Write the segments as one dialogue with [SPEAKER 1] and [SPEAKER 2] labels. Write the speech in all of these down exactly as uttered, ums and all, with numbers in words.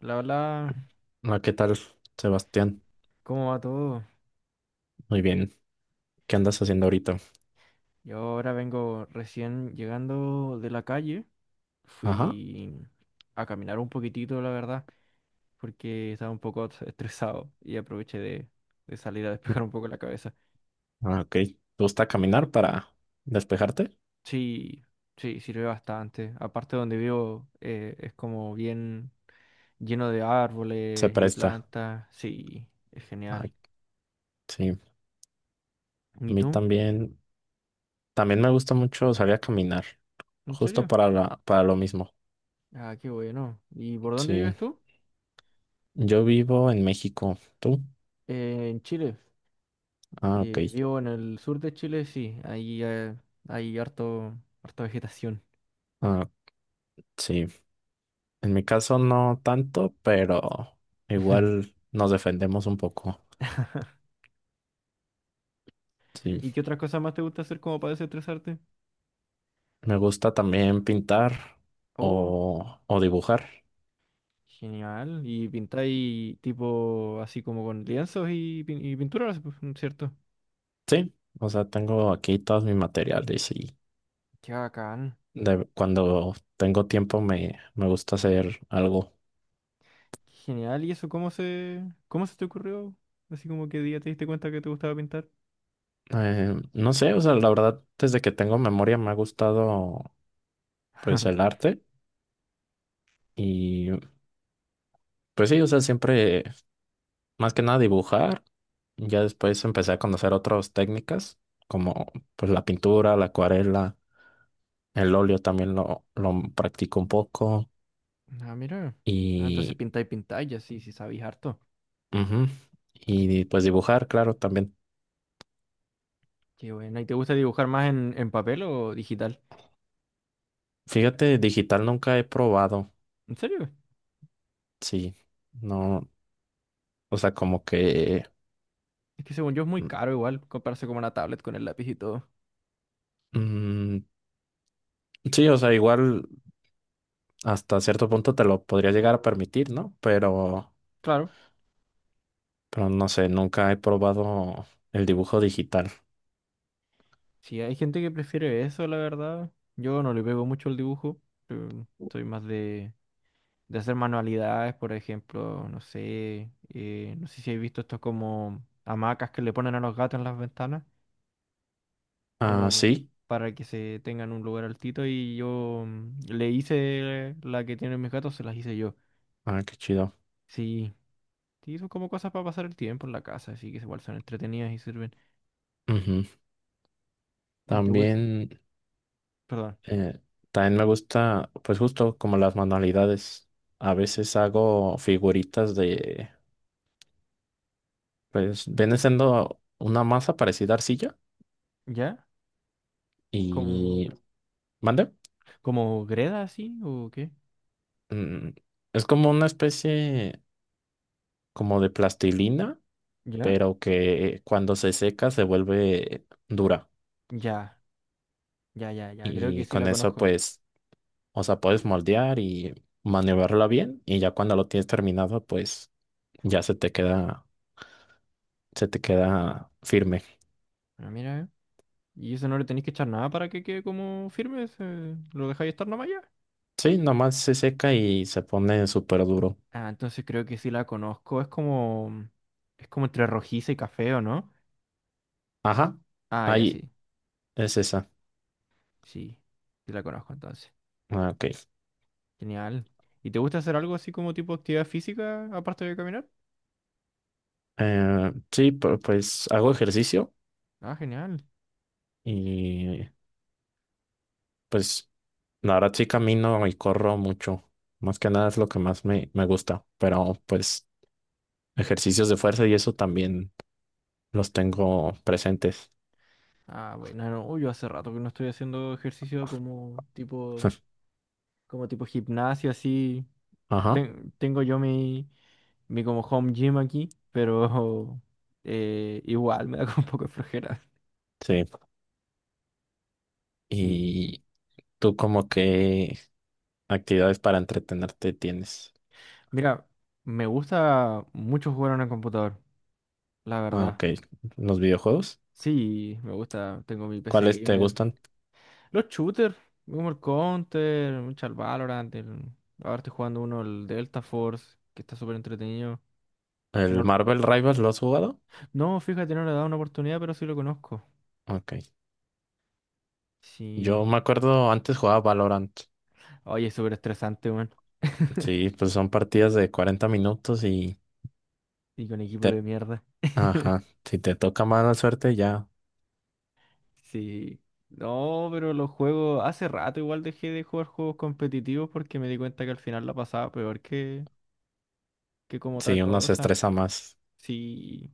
[SPEAKER 1] Hola, hola,
[SPEAKER 2] Ah, ¿qué tal, Sebastián?
[SPEAKER 1] ¿cómo va todo?
[SPEAKER 2] Muy bien. ¿Qué andas haciendo ahorita?
[SPEAKER 1] Yo ahora vengo recién llegando de la calle.
[SPEAKER 2] Ajá.
[SPEAKER 1] Fui a caminar un poquitito, la verdad, porque estaba un poco est- estresado y aproveché de, de salir a
[SPEAKER 2] Mm.
[SPEAKER 1] despejar un poco la cabeza.
[SPEAKER 2] Ah, ok. ¿Te gusta caminar para despejarte?
[SPEAKER 1] Sí, sí, sirve bastante. Aparte donde vivo eh, es como bien lleno de
[SPEAKER 2] Se
[SPEAKER 1] árboles y
[SPEAKER 2] presta.
[SPEAKER 1] plantas. Sí, es genial.
[SPEAKER 2] Ay, sí. A
[SPEAKER 1] ¿Y
[SPEAKER 2] mí
[SPEAKER 1] tú?
[SPEAKER 2] también. También me gusta mucho salir a caminar.
[SPEAKER 1] ¿En
[SPEAKER 2] Justo
[SPEAKER 1] serio?
[SPEAKER 2] para la, para lo mismo.
[SPEAKER 1] Ah, qué bueno. ¿Y por dónde
[SPEAKER 2] Sí.
[SPEAKER 1] vives tú?
[SPEAKER 2] Yo vivo en México. ¿Tú?
[SPEAKER 1] Eh, en Chile.
[SPEAKER 2] Ah, ok.
[SPEAKER 1] Eh, vivo en el sur de Chile, sí, ahí eh, hay harto, harta vegetación.
[SPEAKER 2] Ah, sí. En mi caso no tanto, pero igual nos defendemos un poco.
[SPEAKER 1] ¿Y
[SPEAKER 2] Sí.
[SPEAKER 1] qué otras cosas más te gusta hacer como para desestresarte?
[SPEAKER 2] Me gusta también pintar
[SPEAKER 1] Oh,
[SPEAKER 2] o, o dibujar.
[SPEAKER 1] genial. ¿Y pintáis tipo así como con lienzos y, pin- y pinturas, pues, cierto?
[SPEAKER 2] Sí, o sea, tengo aquí todos mis materiales y
[SPEAKER 1] Qué bacán.
[SPEAKER 2] de- cuando tengo tiempo me, me gusta hacer algo.
[SPEAKER 1] Qué genial. ¿Y eso cómo se, cómo se te ocurrió? Así como qué día te diste cuenta que te gustaba pintar.
[SPEAKER 2] Eh, no sé, o sea, la verdad, desde que tengo memoria me ha gustado pues el arte y pues sí, o sea, siempre más que nada dibujar. Ya después empecé a conocer otras técnicas como pues la pintura, la acuarela, el óleo también lo, lo practico un poco
[SPEAKER 1] Ah, mira. Ah, entonces
[SPEAKER 2] y,
[SPEAKER 1] pintáis, pintáis, ya sí, sí sabéis harto.
[SPEAKER 2] ujú,
[SPEAKER 1] Ah,
[SPEAKER 2] y
[SPEAKER 1] qué,
[SPEAKER 2] pues dibujar, claro, también.
[SPEAKER 1] qué bueno. ¿Y te gusta dibujar más en, en papel o digital?
[SPEAKER 2] Fíjate, digital nunca he probado,
[SPEAKER 1] ¿En serio?
[SPEAKER 2] sí, no, o sea, como que,
[SPEAKER 1] Es que según yo es muy caro igual comprarse como una tablet con el lápiz y todo.
[SPEAKER 2] mm, sí, o sea, igual hasta cierto punto te lo podría llegar a permitir, ¿no? Pero,
[SPEAKER 1] Claro.
[SPEAKER 2] pero no sé, nunca he probado el dibujo digital.
[SPEAKER 1] Si hay gente que prefiere eso, la verdad. Yo no le pego mucho el dibujo. Pero soy más de, de hacer manualidades, por ejemplo, no sé. eh, no sé si habéis visto estos como hamacas que le ponen a los gatos en las ventanas,
[SPEAKER 2] Ah,
[SPEAKER 1] como
[SPEAKER 2] sí,
[SPEAKER 1] para que se tengan un lugar altito. Y yo mm, le hice la que tienen mis gatos, se las hice yo.
[SPEAKER 2] ah, qué chido.
[SPEAKER 1] Sí, sí, son como cosas para pasar el tiempo en la casa, así que igual son entretenidas y sirven.
[SPEAKER 2] Ujú.
[SPEAKER 1] ¿Y te gusta?
[SPEAKER 2] También, eh, también me gusta, pues justo como las manualidades, a veces hago figuritas de, pues, viene siendo una masa parecida a arcilla
[SPEAKER 1] ¿Ya? ¿Como,
[SPEAKER 2] y. ¿Mande?
[SPEAKER 1] como Greda así o qué?
[SPEAKER 2] Mm, es como una especie como de plastilina,
[SPEAKER 1] ¿Ya?
[SPEAKER 2] pero que cuando se seca se vuelve dura.
[SPEAKER 1] Ya, ya, ya, ya. Creo que
[SPEAKER 2] Y
[SPEAKER 1] sí
[SPEAKER 2] con
[SPEAKER 1] la
[SPEAKER 2] eso,
[SPEAKER 1] conozco.
[SPEAKER 2] pues, o sea, puedes moldear y maniobrarla bien. Y ya cuando lo tienes terminado, pues ya se te queda, se te queda firme.
[SPEAKER 1] Bueno, mira, eh. ¿Y eso no le tenéis que echar nada para que quede como firme? ¿Se- ¿Lo dejáis estar nomás ya?
[SPEAKER 2] Sí, nomás se seca y se pone súper duro.
[SPEAKER 1] Ah, entonces creo que sí la conozco. Es como. Es como entre rojiza y café, ¿o no?
[SPEAKER 2] Ajá,
[SPEAKER 1] Ah, ya sí.
[SPEAKER 2] ahí es esa.
[SPEAKER 1] Sí. Sí la conozco entonces.
[SPEAKER 2] Ah, ok.
[SPEAKER 1] Genial. ¿Y te gusta hacer algo así como tipo actividad física aparte de caminar?
[SPEAKER 2] Eh, sí, pu- pues hago ejercicio
[SPEAKER 1] Ah, genial.
[SPEAKER 2] y pues. La verdad sí camino y corro mucho. Más que nada es lo que más me, me gusta. Pero pues ejercicios de fuerza y eso también los tengo presentes.
[SPEAKER 1] Ah, bueno, no, yo hace rato que no estoy haciendo ejercicio como tipo. como tipo gimnasio, así.
[SPEAKER 2] Ajá,
[SPEAKER 1] Ten- tengo yo mi, mi como home gym aquí, pero eh, igual me da como un poco de flojera.
[SPEAKER 2] sí.
[SPEAKER 1] Sí.
[SPEAKER 2] ¿Y tú como qué actividades para entretenerte tienes?
[SPEAKER 1] Mira, me gusta mucho jugar en el computador, la
[SPEAKER 2] Ah,
[SPEAKER 1] verdad.
[SPEAKER 2] ok. ¿Los videojuegos?
[SPEAKER 1] Sí, me gusta, tengo mi P C
[SPEAKER 2] ¿Cuáles te
[SPEAKER 1] gamer.
[SPEAKER 2] gustan?
[SPEAKER 1] Los shooters, como el Counter, mucho el Valorant. el- Ahora estoy jugando uno, el Delta Force, que está súper entretenido. Que
[SPEAKER 2] ¿El
[SPEAKER 1] no,
[SPEAKER 2] Marvel Rivals lo has jugado?
[SPEAKER 1] no, fíjate, no le he dado una oportunidad, pero sí lo conozco.
[SPEAKER 2] Ok.
[SPEAKER 1] Sí.
[SPEAKER 2] Yo me acuerdo antes jugaba Valorant.
[SPEAKER 1] Oye, es súper estresante, weón.
[SPEAKER 2] Sí, pues son partidas de cuarenta minutos y
[SPEAKER 1] Y con equipo de
[SPEAKER 2] te.
[SPEAKER 1] mierda.
[SPEAKER 2] Ajá, si te toca mala suerte ya.
[SPEAKER 1] Sí. No, pero los juegos. Hace rato igual dejé de jugar juegos competitivos porque me di cuenta que al final la pasaba peor que, que como otra
[SPEAKER 2] Sí, uno se
[SPEAKER 1] cosa.
[SPEAKER 2] estresa más.
[SPEAKER 1] Sí.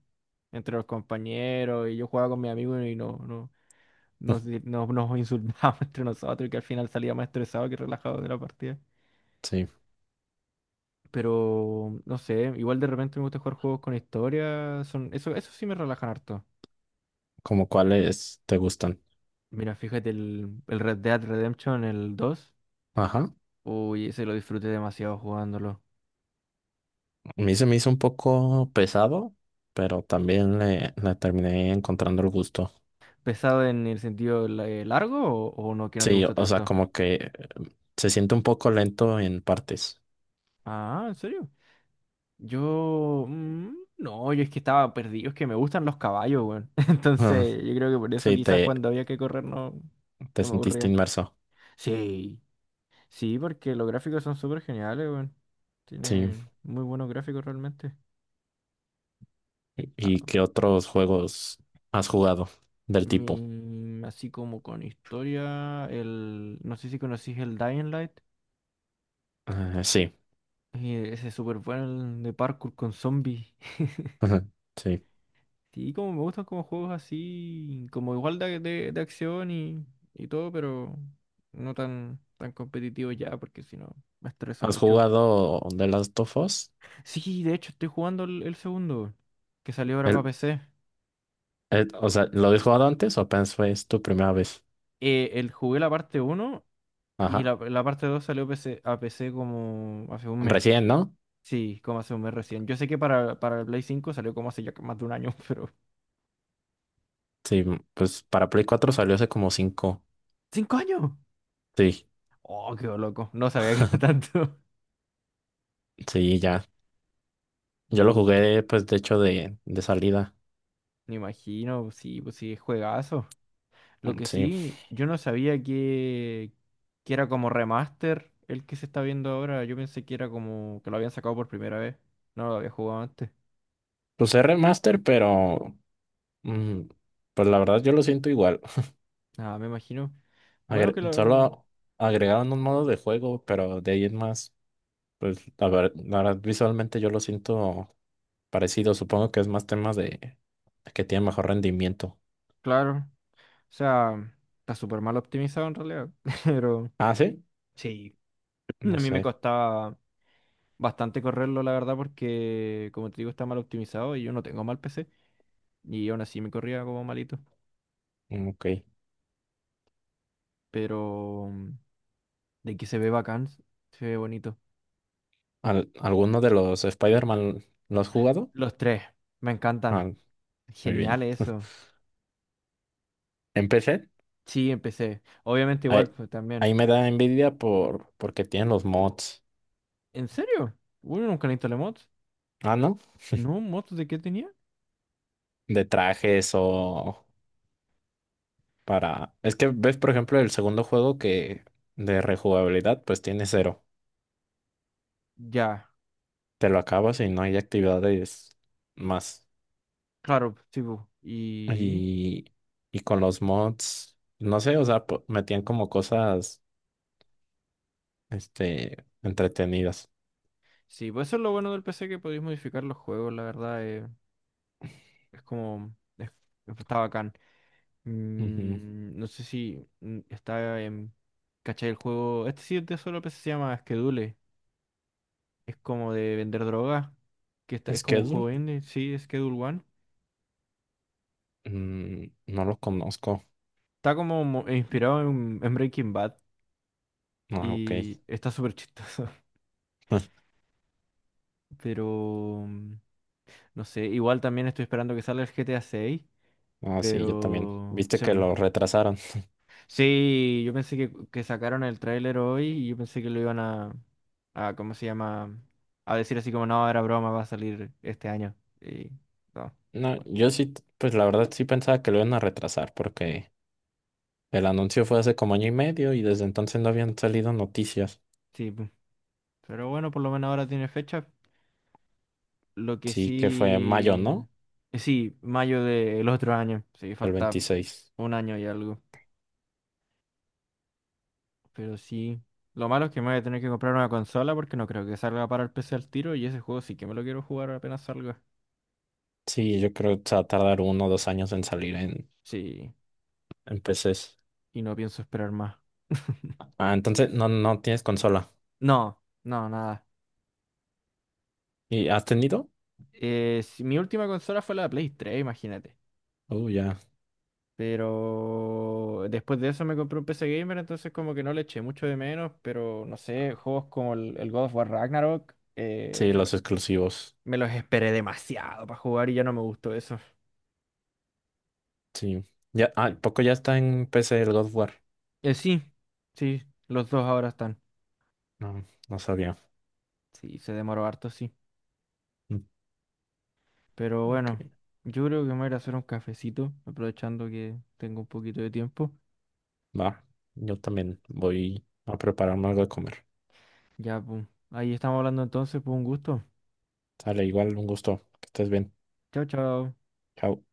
[SPEAKER 1] Entre los compañeros y yo jugaba con mis amigos y no, no, nos, di- no- nos insultábamos entre nosotros y que al final salía más estresado que relajado de la partida.
[SPEAKER 2] Sí,
[SPEAKER 1] Pero no sé, igual de repente me gusta jugar juegos con historia. Son, eso, eso sí me relajan harto.
[SPEAKER 2] como cuáles te gustan.
[SPEAKER 1] Mira, fíjate, el, el, Red Dead Redemption, el dos,
[SPEAKER 2] Ajá.
[SPEAKER 1] uy, ese lo disfruté demasiado jugándolo.
[SPEAKER 2] A mí se me hizo un poco pesado, pero también le, le terminé encontrando el gusto.
[SPEAKER 1] ¿Pesado en el sentido la- eh, largo o, o no, que no te
[SPEAKER 2] Sí, o
[SPEAKER 1] gustó
[SPEAKER 2] o sea,
[SPEAKER 1] tanto?
[SPEAKER 2] como que eh, se siente un poco lento en partes.
[SPEAKER 1] Ah, ¿en serio? Yo, mm, no, yo es que estaba perdido, es que me gustan los caballos, weón.
[SPEAKER 2] Ujú.
[SPEAKER 1] Entonces, yo creo que por eso
[SPEAKER 2] Sí,
[SPEAKER 1] quizás
[SPEAKER 2] te,
[SPEAKER 1] cuando había que correr no,
[SPEAKER 2] te
[SPEAKER 1] no me
[SPEAKER 2] sentiste
[SPEAKER 1] aburría.
[SPEAKER 2] inmerso.
[SPEAKER 1] Sí, sí, porque los gráficos son súper geniales, weón.
[SPEAKER 2] Sí.
[SPEAKER 1] Tienen muy buenos gráficos realmente.
[SPEAKER 2] ¿Y y
[SPEAKER 1] Ah,
[SPEAKER 2] qué otros juegos has jugado del tipo?
[SPEAKER 1] Mi- así como con historia, el, no sé si conocís el Dying Light,
[SPEAKER 2] Eh, sí.
[SPEAKER 1] eh, ese es súper bueno el de parkour con zombies.
[SPEAKER 2] Ujú. Sí.
[SPEAKER 1] Sí, como me gustan como juegos así, como igual de, de, de acción y, y todo, pero no tan, tan competitivo ya, porque si no me estreso
[SPEAKER 2] ¿Has
[SPEAKER 1] mucho.
[SPEAKER 2] jugado The Last of Us?
[SPEAKER 1] Sí, de hecho estoy jugando el, el segundo, que salió ahora para
[SPEAKER 2] El-
[SPEAKER 1] P C.
[SPEAKER 2] el- o sea, ¿lo habías jugado antes o apenas fue es tu primera vez?
[SPEAKER 1] Eh, el, jugué la parte uno y
[SPEAKER 2] Ajá.
[SPEAKER 1] la, la parte dos salió P C, a P C como hace un mes.
[SPEAKER 2] Recién, ¿no?
[SPEAKER 1] Sí, como hace un mes recién. Yo sé que para, para el Play cinco salió como hace ya más de un año, pero...
[SPEAKER 2] Sí, pues para Play cuatro salió hace como cinco.
[SPEAKER 1] ¡Cinco años!
[SPEAKER 2] Sí,
[SPEAKER 1] Oh, qué loco. No sabía que era tanto.
[SPEAKER 2] sí, ya. Yo lo
[SPEAKER 1] Uh,
[SPEAKER 2] jugué, pues, de hecho, de, de salida.
[SPEAKER 1] me imagino, sí, pues sí, es juegazo. Lo
[SPEAKER 2] Mm,
[SPEAKER 1] que
[SPEAKER 2] sí.
[SPEAKER 1] sí, yo no sabía que, que era como remaster el que se está viendo ahora. Yo pensé que era como que lo habían sacado por primera vez. No lo había jugado antes.
[SPEAKER 2] Pues es remaster, pero mm, pues la verdad yo lo siento igual.
[SPEAKER 1] Ah, me imagino. Bueno,
[SPEAKER 2] Agre-
[SPEAKER 1] que lo...
[SPEAKER 2] solo agregaron un modo de juego, pero de ahí en más, pues, la ver- la verdad, visualmente yo lo siento parecido. Supongo que es más temas de que tiene mejor rendimiento.
[SPEAKER 1] Claro. O sea, está súper mal optimizado en realidad. Pero
[SPEAKER 2] Ah, sí.
[SPEAKER 1] sí, a
[SPEAKER 2] No
[SPEAKER 1] mí me
[SPEAKER 2] sé.
[SPEAKER 1] costaba... bastante correrlo, la verdad, porque como te digo, está mal optimizado y yo no tengo mal P C. Y aún así me corría como malito.
[SPEAKER 2] Mm, ok.
[SPEAKER 1] Pero mm, de que se ve bacán, se ve bonito.
[SPEAKER 2] Al- ¿Alguno de los Spider-Man lo has jugado?
[SPEAKER 1] Los tres, me encantan.
[SPEAKER 2] Ah, muy
[SPEAKER 1] Genial
[SPEAKER 2] bien.
[SPEAKER 1] eso.
[SPEAKER 2] ¿En P C?
[SPEAKER 1] Sí, empecé. Obviamente igual,
[SPEAKER 2] Ahí,
[SPEAKER 1] pues también.
[SPEAKER 2] ahí me da envidia por, porque tienen los mods.
[SPEAKER 1] ¿En serio? Bueno, nunca le instalé mods.
[SPEAKER 2] Ah, ¿no?
[SPEAKER 1] ¿No? ¿Mods de qué tenía?
[SPEAKER 2] De trajes o para. Es que ves, por ejemplo, el segundo juego que de rejugabilidad, pues tiene cero.
[SPEAKER 1] Ya,
[SPEAKER 2] Te lo acabas y no hay actividades más.
[SPEAKER 1] claro, sí, pu. Y...
[SPEAKER 2] Y, y con los mods, no sé, o sea, po- metían como cosas, este, entretenidas.
[SPEAKER 1] Sí, pues eso es lo bueno del P C, que podéis modificar los juegos, la verdad. eh, es como... es- está bacán.
[SPEAKER 2] Ujú.
[SPEAKER 1] Mm, no sé si mm, está en... ¿Cachai el juego? Este sí es de solo P C, se llama Schedule. Es como de vender droga. Que está- es como un
[SPEAKER 2] Schedule.
[SPEAKER 1] juego indie, sí, Schedule One.
[SPEAKER 2] Mm, no los conozco.
[SPEAKER 1] Está como mo- eh, inspirado en, en Breaking Bad
[SPEAKER 2] Ah, ok.
[SPEAKER 1] y está súper chistoso. Pero mm, no sé, igual también estoy esperando que salga el G T A seis
[SPEAKER 2] Ah, sí, yo también.
[SPEAKER 1] pero
[SPEAKER 2] Viste
[SPEAKER 1] se
[SPEAKER 2] que
[SPEAKER 1] me,
[SPEAKER 2] lo retrasaron.
[SPEAKER 1] Sí, yo pensé que, que sacaron el tráiler hoy y yo pensé que lo iban a, a, ¿cómo se llama? A decir así como, no, era broma, va a salir este año. Y, no.
[SPEAKER 2] No,
[SPEAKER 1] Bueno,
[SPEAKER 2] yo sí, t- pues la verdad sí pensaba que lo iban a retrasar porque el anuncio fue hace como año y medio y desde entonces no habían salido noticias.
[SPEAKER 1] sí, pu. Pero bueno, por lo menos ahora tiene fecha. Lo que
[SPEAKER 2] Sí, que fue en mayo,
[SPEAKER 1] sí,
[SPEAKER 2] ¿no?
[SPEAKER 1] eh, sí, mayo del otro año. Sí,
[SPEAKER 2] Del
[SPEAKER 1] falta
[SPEAKER 2] veintiséis.
[SPEAKER 1] un año y algo. Pero sí, lo malo es que me voy a tener que comprar una consola porque no creo que salga para el P C al tiro y ese juego sí que me lo quiero jugar apenas salga.
[SPEAKER 2] Sí, yo creo que se va a tardar uno o dos años en salir en,
[SPEAKER 1] Sí,
[SPEAKER 2] en P Cs.
[SPEAKER 1] y no pienso esperar más.
[SPEAKER 2] Ah, entonces no, no tienes consola.
[SPEAKER 1] No, no, nada.
[SPEAKER 2] ¿Y has tenido?
[SPEAKER 1] Eh, si- mi última consola fue la Play tres, imagínate.
[SPEAKER 2] Oh, ya.
[SPEAKER 1] Pero después de eso me compré un P C Gamer, entonces como que no le eché mucho de menos, pero no sé, juegos como el, el, God of War Ragnarok,
[SPEAKER 2] Sí,
[SPEAKER 1] eh, me,
[SPEAKER 2] los exclusivos.
[SPEAKER 1] me los esperé demasiado para jugar y ya no me gustó eso.
[SPEAKER 2] Sí. ¿Ya, ah, poco ya está en P C el God of War?
[SPEAKER 1] Eh, sí, sí, los dos ahora están.
[SPEAKER 2] No, no sabía.
[SPEAKER 1] Sí, se demoró harto, sí.
[SPEAKER 2] Mm,
[SPEAKER 1] Pero
[SPEAKER 2] ok,
[SPEAKER 1] bueno, yo creo que me voy a ir a hacer un cafecito, aprovechando que tengo un poquito de tiempo.
[SPEAKER 2] va. Yo también voy a prepararme algo de comer.
[SPEAKER 1] Ya, pum. Ahí estamos hablando entonces, pues un gusto.
[SPEAKER 2] Sale, igual, un gusto. Que estés bien.
[SPEAKER 1] Chao, chao.
[SPEAKER 2] Chao.